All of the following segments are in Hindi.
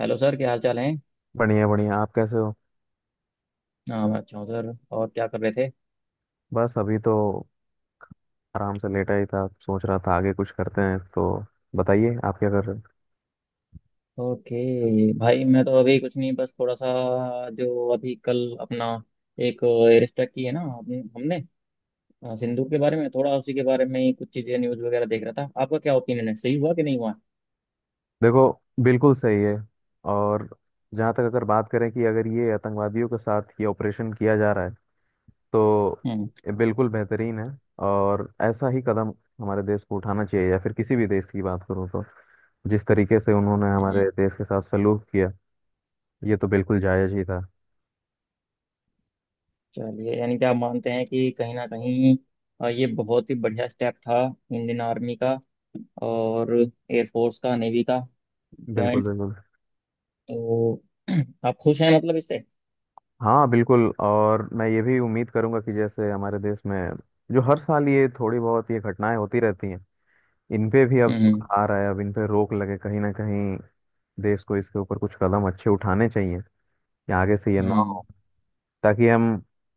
हेलो सर, क्या हाल चाल है? बढ़िया बढ़िया। आप कैसे हो? हाँ, मैं अच्छा हूँ सर। और क्या कर रहे थे? बस अभी तो आराम से लेटा ही था, सोच रहा था आगे कुछ करते हैं तो। बताइए आप क्या कर रहे हो? ओके भाई, मैं तो अभी कुछ नहीं। बस थोड़ा सा जो अभी कल अपना एक रिस्ट्रिक्ट की है ना हमने हमने, सिंदूर के बारे में, थोड़ा उसी के बारे में ही कुछ चीज़ें न्यूज़ वगैरह देख रहा था। आपका क्या ओपिनियन है? सही हुआ कि नहीं हुआ? देखो, बिल्कुल सही है। और जहाँ तक अगर बात करें कि अगर ये आतंकवादियों के साथ ये ऑपरेशन किया जा रहा है, तो हम्म। ये बिल्कुल बेहतरीन है। और ऐसा ही कदम हमारे देश को उठाना चाहिए, या फिर किसी भी देश की बात करूँ तो। जिस तरीके से उन्होंने हम्म। हमारे देश के साथ सलूक किया, ये तो बिल्कुल जायज ही था। चलिए, यानी कि आप मानते हैं कि कहीं ना कहीं ये बहुत ही बढ़िया स्टेप था इंडियन आर्मी का और एयरफोर्स का, नेवी का बिल्कुल जॉइंट। बिल्कुल। तो आप खुश हैं मतलब इससे? हाँ बिल्कुल, और मैं ये भी उम्मीद करूंगा कि जैसे हमारे देश में जो हर साल ये थोड़ी बहुत ये घटनाएं होती रहती हैं, इन पे भी अब हम्म। सुधार आए, अब इन पे रोक लगे। कहीं ना कहीं देश को इसके ऊपर कुछ कदम अच्छे उठाने चाहिए कि आगे से ये ना हम्म। हो, ताकि हम,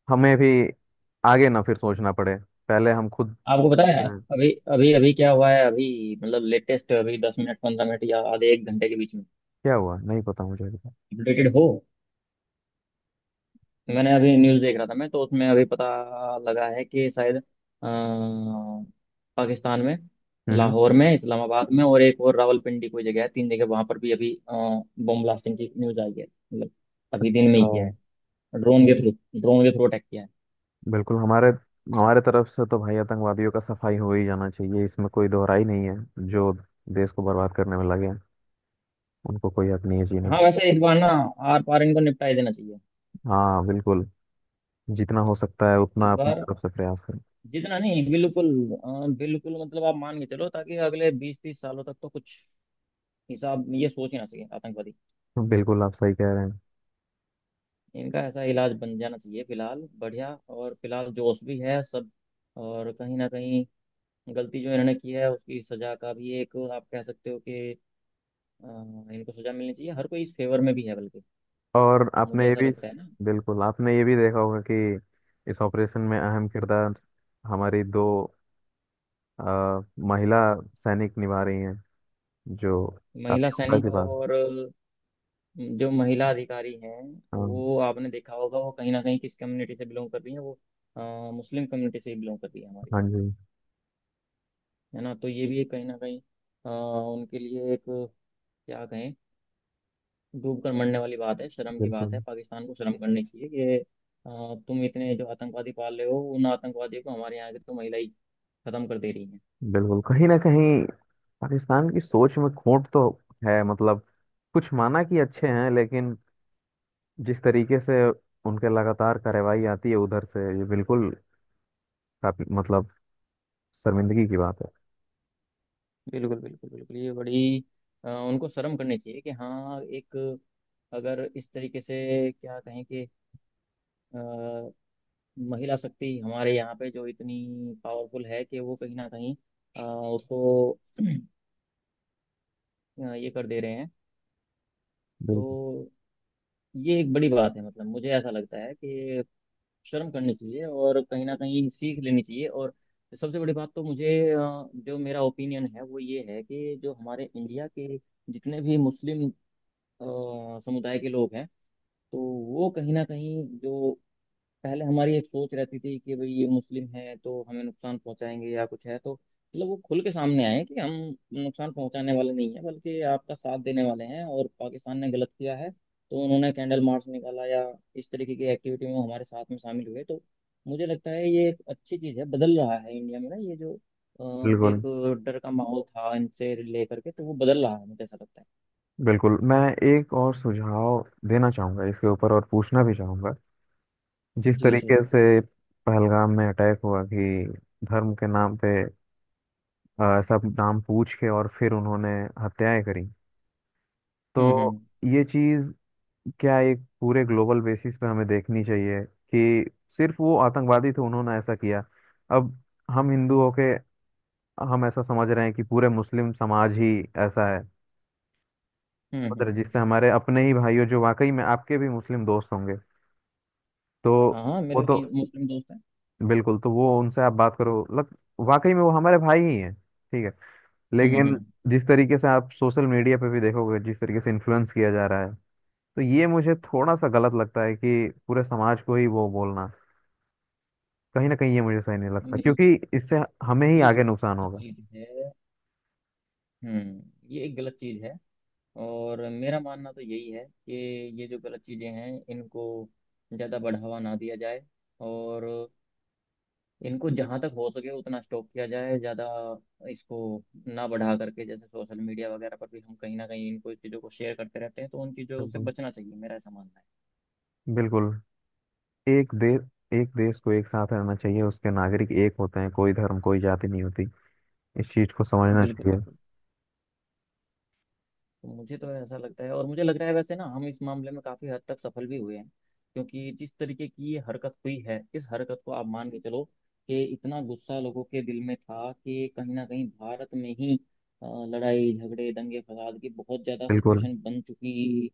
हमें भी आगे ना फिर सोचना पड़े। पहले हम खुद आपको पता देख है रहे हैं। अभी अभी अभी क्या हुआ है अभी? मतलब लेटेस्ट, अभी 10 मिनट, 15 मिनट या आधे एक घंटे के बीच में क्या हुआ नहीं पता मुझे अभी तक। अपडेटेड हो? तो मैंने अभी न्यूज़ देख रहा था मैं, तो उसमें अभी पता लगा है कि शायद पाकिस्तान में, हम्म। लाहौर में, इस्लामाबाद में और एक और रावलपिंडी कोई जगह है, 3 जगह वहां पर भी अभी बम ब्लास्टिंग की न्यूज़ आई है। मतलब अभी दिन में अच्छा। ही किया है, ड्रोन के थ्रू। ड्रोन के थ्रू अटैक किया है। बिल्कुल, हमारे हमारे तरफ से तो भाई आतंकवादियों का सफाई हो ही जाना चाहिए, इसमें कोई दोहराई नहीं है। जो देश को बर्बाद करने में लगे हैं, उनको कोई अपनी एज ही नहीं। हाँ, वैसे इस बार ना आर पार इनको निपटा ही देना चाहिए। हाँ बिल्कुल, जितना हो सकता है उतना इस अपनी बार तरफ से प्रयास करें। जितना नहीं, बिल्कुल बिल्कुल मतलब, आप मान के चलो, ताकि अगले 20-30 सालों तक तो कुछ हिसाब ये सोच ही ना सके आतंकवादी। बिल्कुल आप सही कह रहे हैं। इनका ऐसा इलाज बन जाना चाहिए फिलहाल, बढ़िया। और फिलहाल जोश भी है सब। और कहीं ना कहीं गलती जो इन्होंने की है उसकी सजा का भी, एक आप कह सकते हो कि अ, इनको सजा मिलनी चाहिए। हर कोई इस फेवर में भी है, बल्कि और आपने मुझे ये ऐसा भी लगता है ना। बिल्कुल आपने ये भी देखा होगा कि इस ऑपरेशन में अहम किरदार हमारी दो अ, महिला सैनिक निभा रही हैं, जो महिला काफी उम्दा सैनिक, की बात है। और जो महिला अधिकारी हैं हाँ। वो आपने देखा होगा, वो कहीं ना कहीं किस कम्युनिटी से बिलोंग कर रही है वो? अ, मुस्लिम कम्युनिटी से ही बिलोंग करती है हमारी, हाँ जी। है ना? तो ये भी एक कहीं ना कहीं उनके लिए एक क्या कहें, डूब कर मरने वाली बात है, शर्म की बात बिल्कुल है। पाकिस्तान को शर्म करनी चाहिए कि अ, तुम इतने जो आतंकवादी पाल रहे हो, उन आतंकवादियों को हमारे यहाँ की तो महिला ही खत्म कर दे रही है। बिल्कुल। कहीं ना कहीं पाकिस्तान की सोच में खोट तो है, मतलब कुछ माना कि अच्छे हैं, लेकिन जिस तरीके से उनके लगातार कार्रवाई आती है उधर से, ये बिल्कुल काफी मतलब शर्मिंदगी की बात है। बिल्कुल, बिल्कुल, बिल्कुल। ये बड़ी उनको शर्म करनी चाहिए कि हाँ, एक अगर इस तरीके से क्या कहें कि महिला शक्ति हमारे यहाँ पे जो इतनी पावरफुल है कि वो कहीं ना कहीं उसको ये कर दे रहे हैं। बिल्कुल तो ये एक बड़ी बात है, मतलब मुझे ऐसा लगता है कि शर्म करनी चाहिए और कहीं ना कहीं सीख लेनी चाहिए। और सबसे बड़ी बात तो मुझे, जो मेरा ओपिनियन है वो ये है कि जो हमारे इंडिया के जितने भी मुस्लिम समुदाय के लोग हैं, तो वो कहीं ना कहीं, जो पहले हमारी एक सोच रहती थी कि भाई ये मुस्लिम है तो हमें नुकसान पहुंचाएंगे या कुछ है, तो मतलब वो खुल के सामने आए कि हम नुकसान पहुंचाने वाले नहीं है, बल्कि आपका साथ देने वाले हैं। और पाकिस्तान ने गलत किया है तो उन्होंने कैंडल मार्च निकाला या इस तरीके की एक्टिविटी में वो हमारे साथ में शामिल हुए। तो मुझे लगता है ये एक अच्छी चीज़ है। बदल रहा है इंडिया में ना, ये जो एक बिल्कुल डर का माहौल था इनसे लेकर के तो वो बदल रहा है, मुझे ऐसा लगता है। बिल्कुल। मैं एक और सुझाव देना चाहूंगा इसके ऊपर, और पूछना भी चाहूंगा। जिस जी जी तरीके जी। से पहलगाम में अटैक हुआ कि धर्म के नाम पे, सब नाम पूछ के और फिर उन्होंने हत्याएं करी, हम्म। तो हम्म ये चीज क्या एक पूरे ग्लोबल बेसिस पे हमें देखनी चाहिए? कि सिर्फ वो आतंकवादी थे उन्होंने ऐसा किया। अब हम हिंदू होके हम ऐसा समझ रहे हैं कि पूरे मुस्लिम समाज ही ऐसा है हम्म हम्म उधर, हम्म। जिससे हमारे अपने ही भाइयों, जो वाकई में आपके भी मुस्लिम दोस्त होंगे तो। हाँ हाँ, वो मेरे तो कई मुस्लिम दोस्त हैं। बिल्कुल तो वो उनसे आप बात करो, मतलब वाकई में वो हमारे भाई ही हैं, ठीक है। हम्म। लेकिन हम्म। जिस तरीके से आप सोशल मीडिया पे भी देखोगे, जिस तरीके से इन्फ्लुएंस किया जा रहा है, तो ये मुझे थोड़ा सा गलत लगता है कि पूरे समाज को ही वो बोलना, कहीं ना कहीं ये मुझे सही नहीं लगता, नहीं, क्योंकि इससे हमें ही ये आगे नुकसान गलत होगा। चीज है। हम्म। ये एक गलत चीज है। और मेरा मानना तो यही है कि ये जो गलत चीजें हैं इनको ज्यादा बढ़ावा ना दिया जाए। और इनको जहां तक हो सके उतना स्टॉप किया जाए, ज्यादा इसको ना बढ़ा करके। जैसे सोशल मीडिया वगैरह पर भी हम कहीं ना कहीं इनको, इस चीजों को शेयर करते रहते हैं, तो उन चीजों से बिल्कुल बचना चाहिए, मेरा ऐसा मानना बिल्कुल। एक देश एक देश को एक साथ रहना चाहिए, उसके नागरिक एक होते हैं, कोई धर्म कोई जाति नहीं होती। इस चीज को है। समझना बिल्कुल, चाहिए। बिल्कुल। तो मुझे तो ऐसा लगता है, और मुझे लग रहा है वैसे ना हम इस मामले में काफी हद तक सफल भी हुए हैं, क्योंकि जिस तरीके की ये हरकत हुई है इस हरकत को आप मान के चलो कि इतना गुस्सा लोगों के दिल में था कि कहीं ना कहीं भारत में ही लड़ाई झगड़े दंगे फसाद की बहुत ज्यादा बिल्कुल सिचुएशन बन चुकी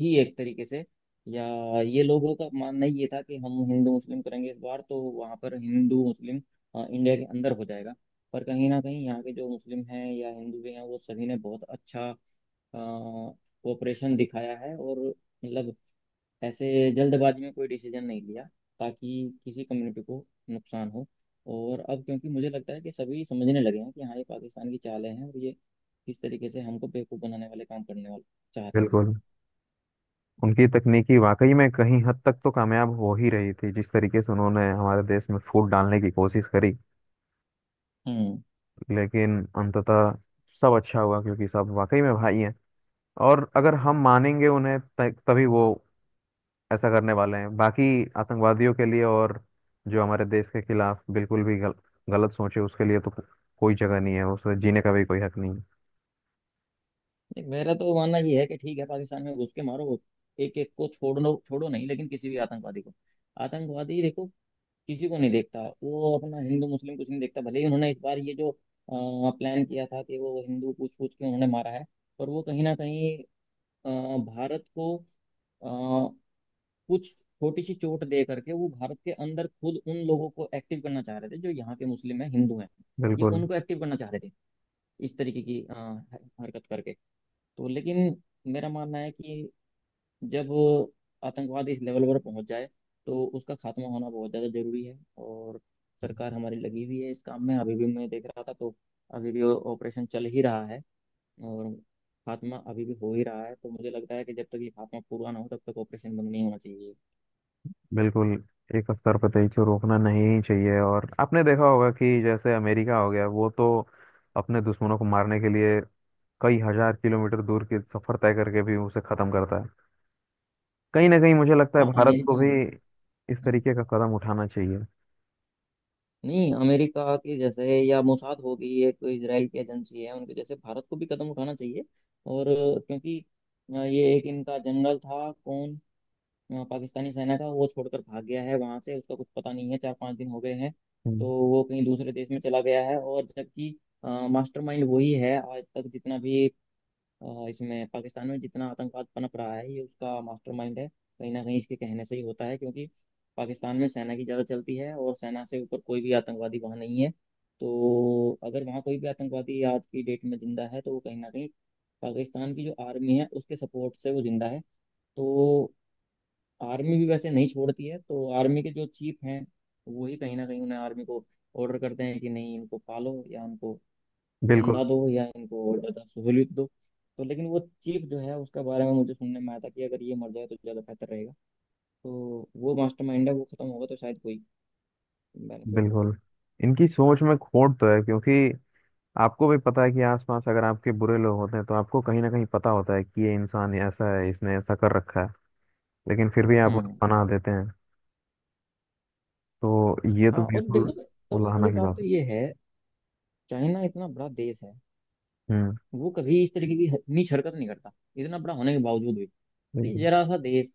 थी एक तरीके से। या ये लोगों का मानना ये था कि हम हिंदू मुस्लिम करेंगे इस बार, तो वहां पर हिंदू मुस्लिम इंडिया के अंदर हो जाएगा। पर कहीं ना कहीं यहाँ के जो मुस्लिम हैं या हिंदू भी हैं, वो सभी ने बहुत अच्छा कोऑपरेशन दिखाया है। और मतलब ऐसे जल्दबाजी में कोई डिसीजन नहीं लिया ताकि किसी कम्युनिटी को नुकसान हो। और अब क्योंकि मुझे लगता है कि सभी समझने लगे हैं कि हाँ, ये पाकिस्तान की चालें हैं, और ये किस तरीके से हमको बेवकूफ़ बनाने वाले, काम करने वाले चाह रहे हैं ये। बिल्कुल। उनकी तकनीकी वाकई में कहीं हद तक तो कामयाब हो ही रही थी, जिस तरीके से उन्होंने हमारे देश में फूट डालने की कोशिश करी। हम्म। लेकिन अंततः सब अच्छा हुआ, क्योंकि सब वाकई में भाई हैं। और अगर हम मानेंगे उन्हें तभी वो ऐसा करने वाले हैं। बाकी आतंकवादियों के लिए, और जो हमारे देश के खिलाफ बिल्कुल भी गलत सोचे, उसके लिए तो कोई जगह नहीं है, उसे जीने का भी कोई हक नहीं है। देख, मेरा तो मानना ये है कि ठीक है, पाकिस्तान में घुस के मारो, एक एक को छोड़ो, छोड़ो नहीं लेकिन किसी भी आतंकवादी को। आतंकवादी देखो, किसी को नहीं देखता वो, अपना हिंदू मुस्लिम कुछ नहीं देखता। भले ही उन्होंने इस बार ये जो प्लान किया था कि वो हिंदू पूछ पूछ के उन्होंने मारा है। पर वो कहीं ना कहीं अ, भारत को अ, कुछ छोटी सी चोट दे करके वो भारत के अंदर खुद उन लोगों को एक्टिव करना चाह रहे थे, जो यहाँ के मुस्लिम हैं, हिंदू हैं। ये बिल्कुल उनको एक्टिव करना चाह रहे थे इस तरीके की हरकत करके। तो लेकिन मेरा मानना है कि जब वो आतंकवाद इस लेवल पर पहुंच जाए, तो उसका खात्मा होना बहुत ज़्यादा जरूरी है। और सरकार हमारी लगी हुई है इस काम में, अभी भी मैं देख रहा था तो अभी भी ऑपरेशन चल ही रहा है, और खात्मा अभी भी हो ही रहा है। तो मुझे लगता है कि जब तक ये खात्मा पूरा ना हो, तब तक ऑपरेशन बंद नहीं होना चाहिए। बिल्कुल। एक स्तर पर तेजी को रोकना नहीं ही चाहिए। और आपने देखा होगा कि जैसे अमेरिका हो गया, वो तो अपने दुश्मनों को मारने के लिए कई हजार किलोमीटर दूर की सफर तय करके भी उसे खत्म करता है। कहीं ना कहीं मुझे लगता है हाँ, भारत को अमेरिका है। भी हम्म। इस तरीके का कदम उठाना चाहिए। नहीं, अमेरिका के जैसे या मोसाद होगी एक इसराइल की एजेंसी है, उनके जैसे भारत को भी कदम उठाना चाहिए। और क्योंकि ये एक इनका जनरल था कौन, पाकिस्तानी सेना का, वो छोड़कर भाग गया है वहां से। उसका कुछ पता नहीं है, 4-5 दिन हो गए हैं। हम्म। तो वो कहीं दूसरे देश में चला गया है। और जबकि मास्टरमाइंड वही है। आज तक जितना भी इसमें पाकिस्तान में जितना आतंकवाद पनप रहा है, ये उसका मास्टरमाइंड है कहीं ना कहीं। इसके कहने से ही होता है, क्योंकि पाकिस्तान में सेना की ज़्यादा चलती है, और सेना से ऊपर कोई भी आतंकवादी वहाँ नहीं है। तो अगर वहाँ कोई भी आतंकवादी आज की डेट में जिंदा है, तो वो कहीं ना कहीं पाकिस्तान की जो आर्मी है उसके सपोर्ट से वो जिंदा है। तो आर्मी भी वैसे नहीं छोड़ती है, तो आर्मी के जो चीफ हैं, वही कहीं ना कहीं उन्हें, आर्मी को ऑर्डर करते हैं कि नहीं, इनको पालो या इनको बिल्कुल चंदा दो या इनको और ज़्यादा सहूलियत दो। तो लेकिन वो चीफ जो है उसका बारे में मुझे सुनने में आया था कि अगर ये मर जाए तो ज़्यादा बेहतर रहेगा। तो वो मास्टरमाइंड है, वो खत्म होगा तो शायद कोई बेनिफिट हो। बिल्कुल। इनकी सोच में खोट तो है, क्योंकि आपको भी पता है कि आसपास अगर आपके बुरे लोग होते हैं तो आपको कहीं ना कहीं पता होता है कि ये इंसान ऐसा है, इसने ऐसा कर रखा है, लेकिन फिर भी आप उन्हें हम्म। पनाह देते हैं। तो ये तो हाँ, और बिल्कुल देखो सबसे उलाहना बड़ी की बात बात तो है। ये है, चाइना इतना बड़ा देश है, हम्म। वो कभी इस तरीके की नीच हरकत नहीं करता, इतना बड़ा होने के बावजूद भी। ये बिल्कुल जरा सा देश,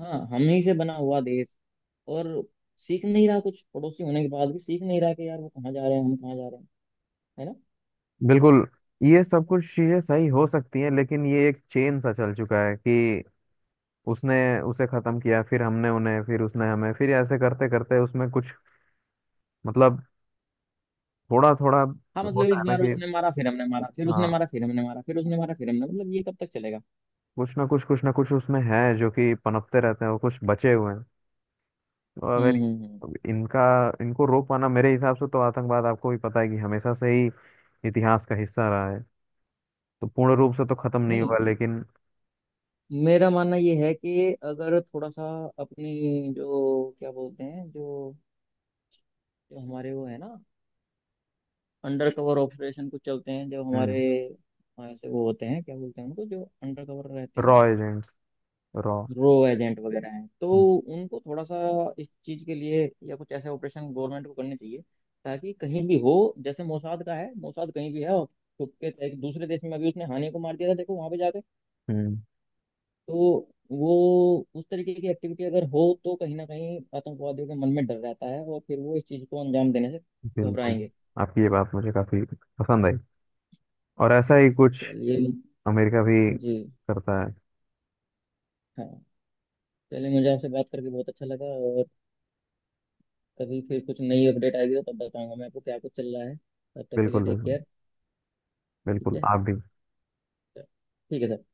हाँ हम ही से बना हुआ देश, और सीख नहीं रहा कुछ। पड़ोसी होने के बाद भी सीख नहीं रहा कि यार वो कहाँ जा रहे हैं, हम कहाँ जा रहे हैं, है ना? बिल्कुल। ये सब कुछ चीजें सही हो सकती हैं, लेकिन ये एक चेन सा चल चुका है कि उसने उसे खत्म किया, फिर हमने उन्हें, फिर उसने हमें, फिर ऐसे करते करते उसमें कुछ, मतलब थोड़ा थोड़ा हाँ, मतलब होता है एक ना? बार कि उसने मारा, फिर हमने मारा, फिर उसने हाँ, मारा, फिर हमने मारा, फिर उसने मारा, फिर हमने, मतलब ये कब तक चलेगा? कुछ ना कुछ उसमें है जो कि पनपते रहते हैं, वो कुछ बचे हुए हैं। तो अगर हम्म। इनका, इनको रोक पाना मेरे हिसाब से तो, आतंकवाद आपको भी पता है कि हमेशा से ही इतिहास का हिस्सा रहा है, तो पूर्ण रूप से तो खत्म नहीं होगा नहीं, लेकिन। मेरा मानना ये है कि अगर थोड़ा सा अपनी, जो क्या बोलते हैं, जो जो हमारे वो है ना अंडर कवर ऑपरेशन कुछ चलते हैं जो हमारे, हम्म। ऐसे वो होते हैं, क्या बोलते हैं उनको जो अंडर कवर रहते रॉ हैं, एजेंट्स। रॉ। रो एजेंट वगैरह हैं। तो उनको थोड़ा सा इस चीज़ के लिए या कुछ ऐसे ऑपरेशन गवर्नमेंट को करने चाहिए, ताकि कहीं भी हो, जैसे मोसाद का है, मोसाद कहीं भी है और छुप के एक दूसरे देश में अभी उसने हानि को मार दिया था, देखो वहां पे जाके। हम्म। तो वो उस तरीके की एक्टिविटी अगर हो, तो कहीं ना कहीं आतंकवादियों के मन में डर रहता है, और फिर वो इस चीज़ को अंजाम देने से बिल्कुल। घबराएंगे। आपकी ये बात मुझे काफी पसंद आई। और ऐसा ही कुछ चलिए। अमेरिका भी जी, करता है। हाँ। चलिए, मुझे आपसे बात करके बहुत अच्छा लगा। और कभी फिर कुछ नई अपडेट आएगी तो तब बताऊंगा मैं आपको क्या कुछ चल रहा है। तब तक के लिए बिल्कुल टेक बिल्कुल। केयर। ठीक बिल्कुल है। आप भी। ठीक है सर।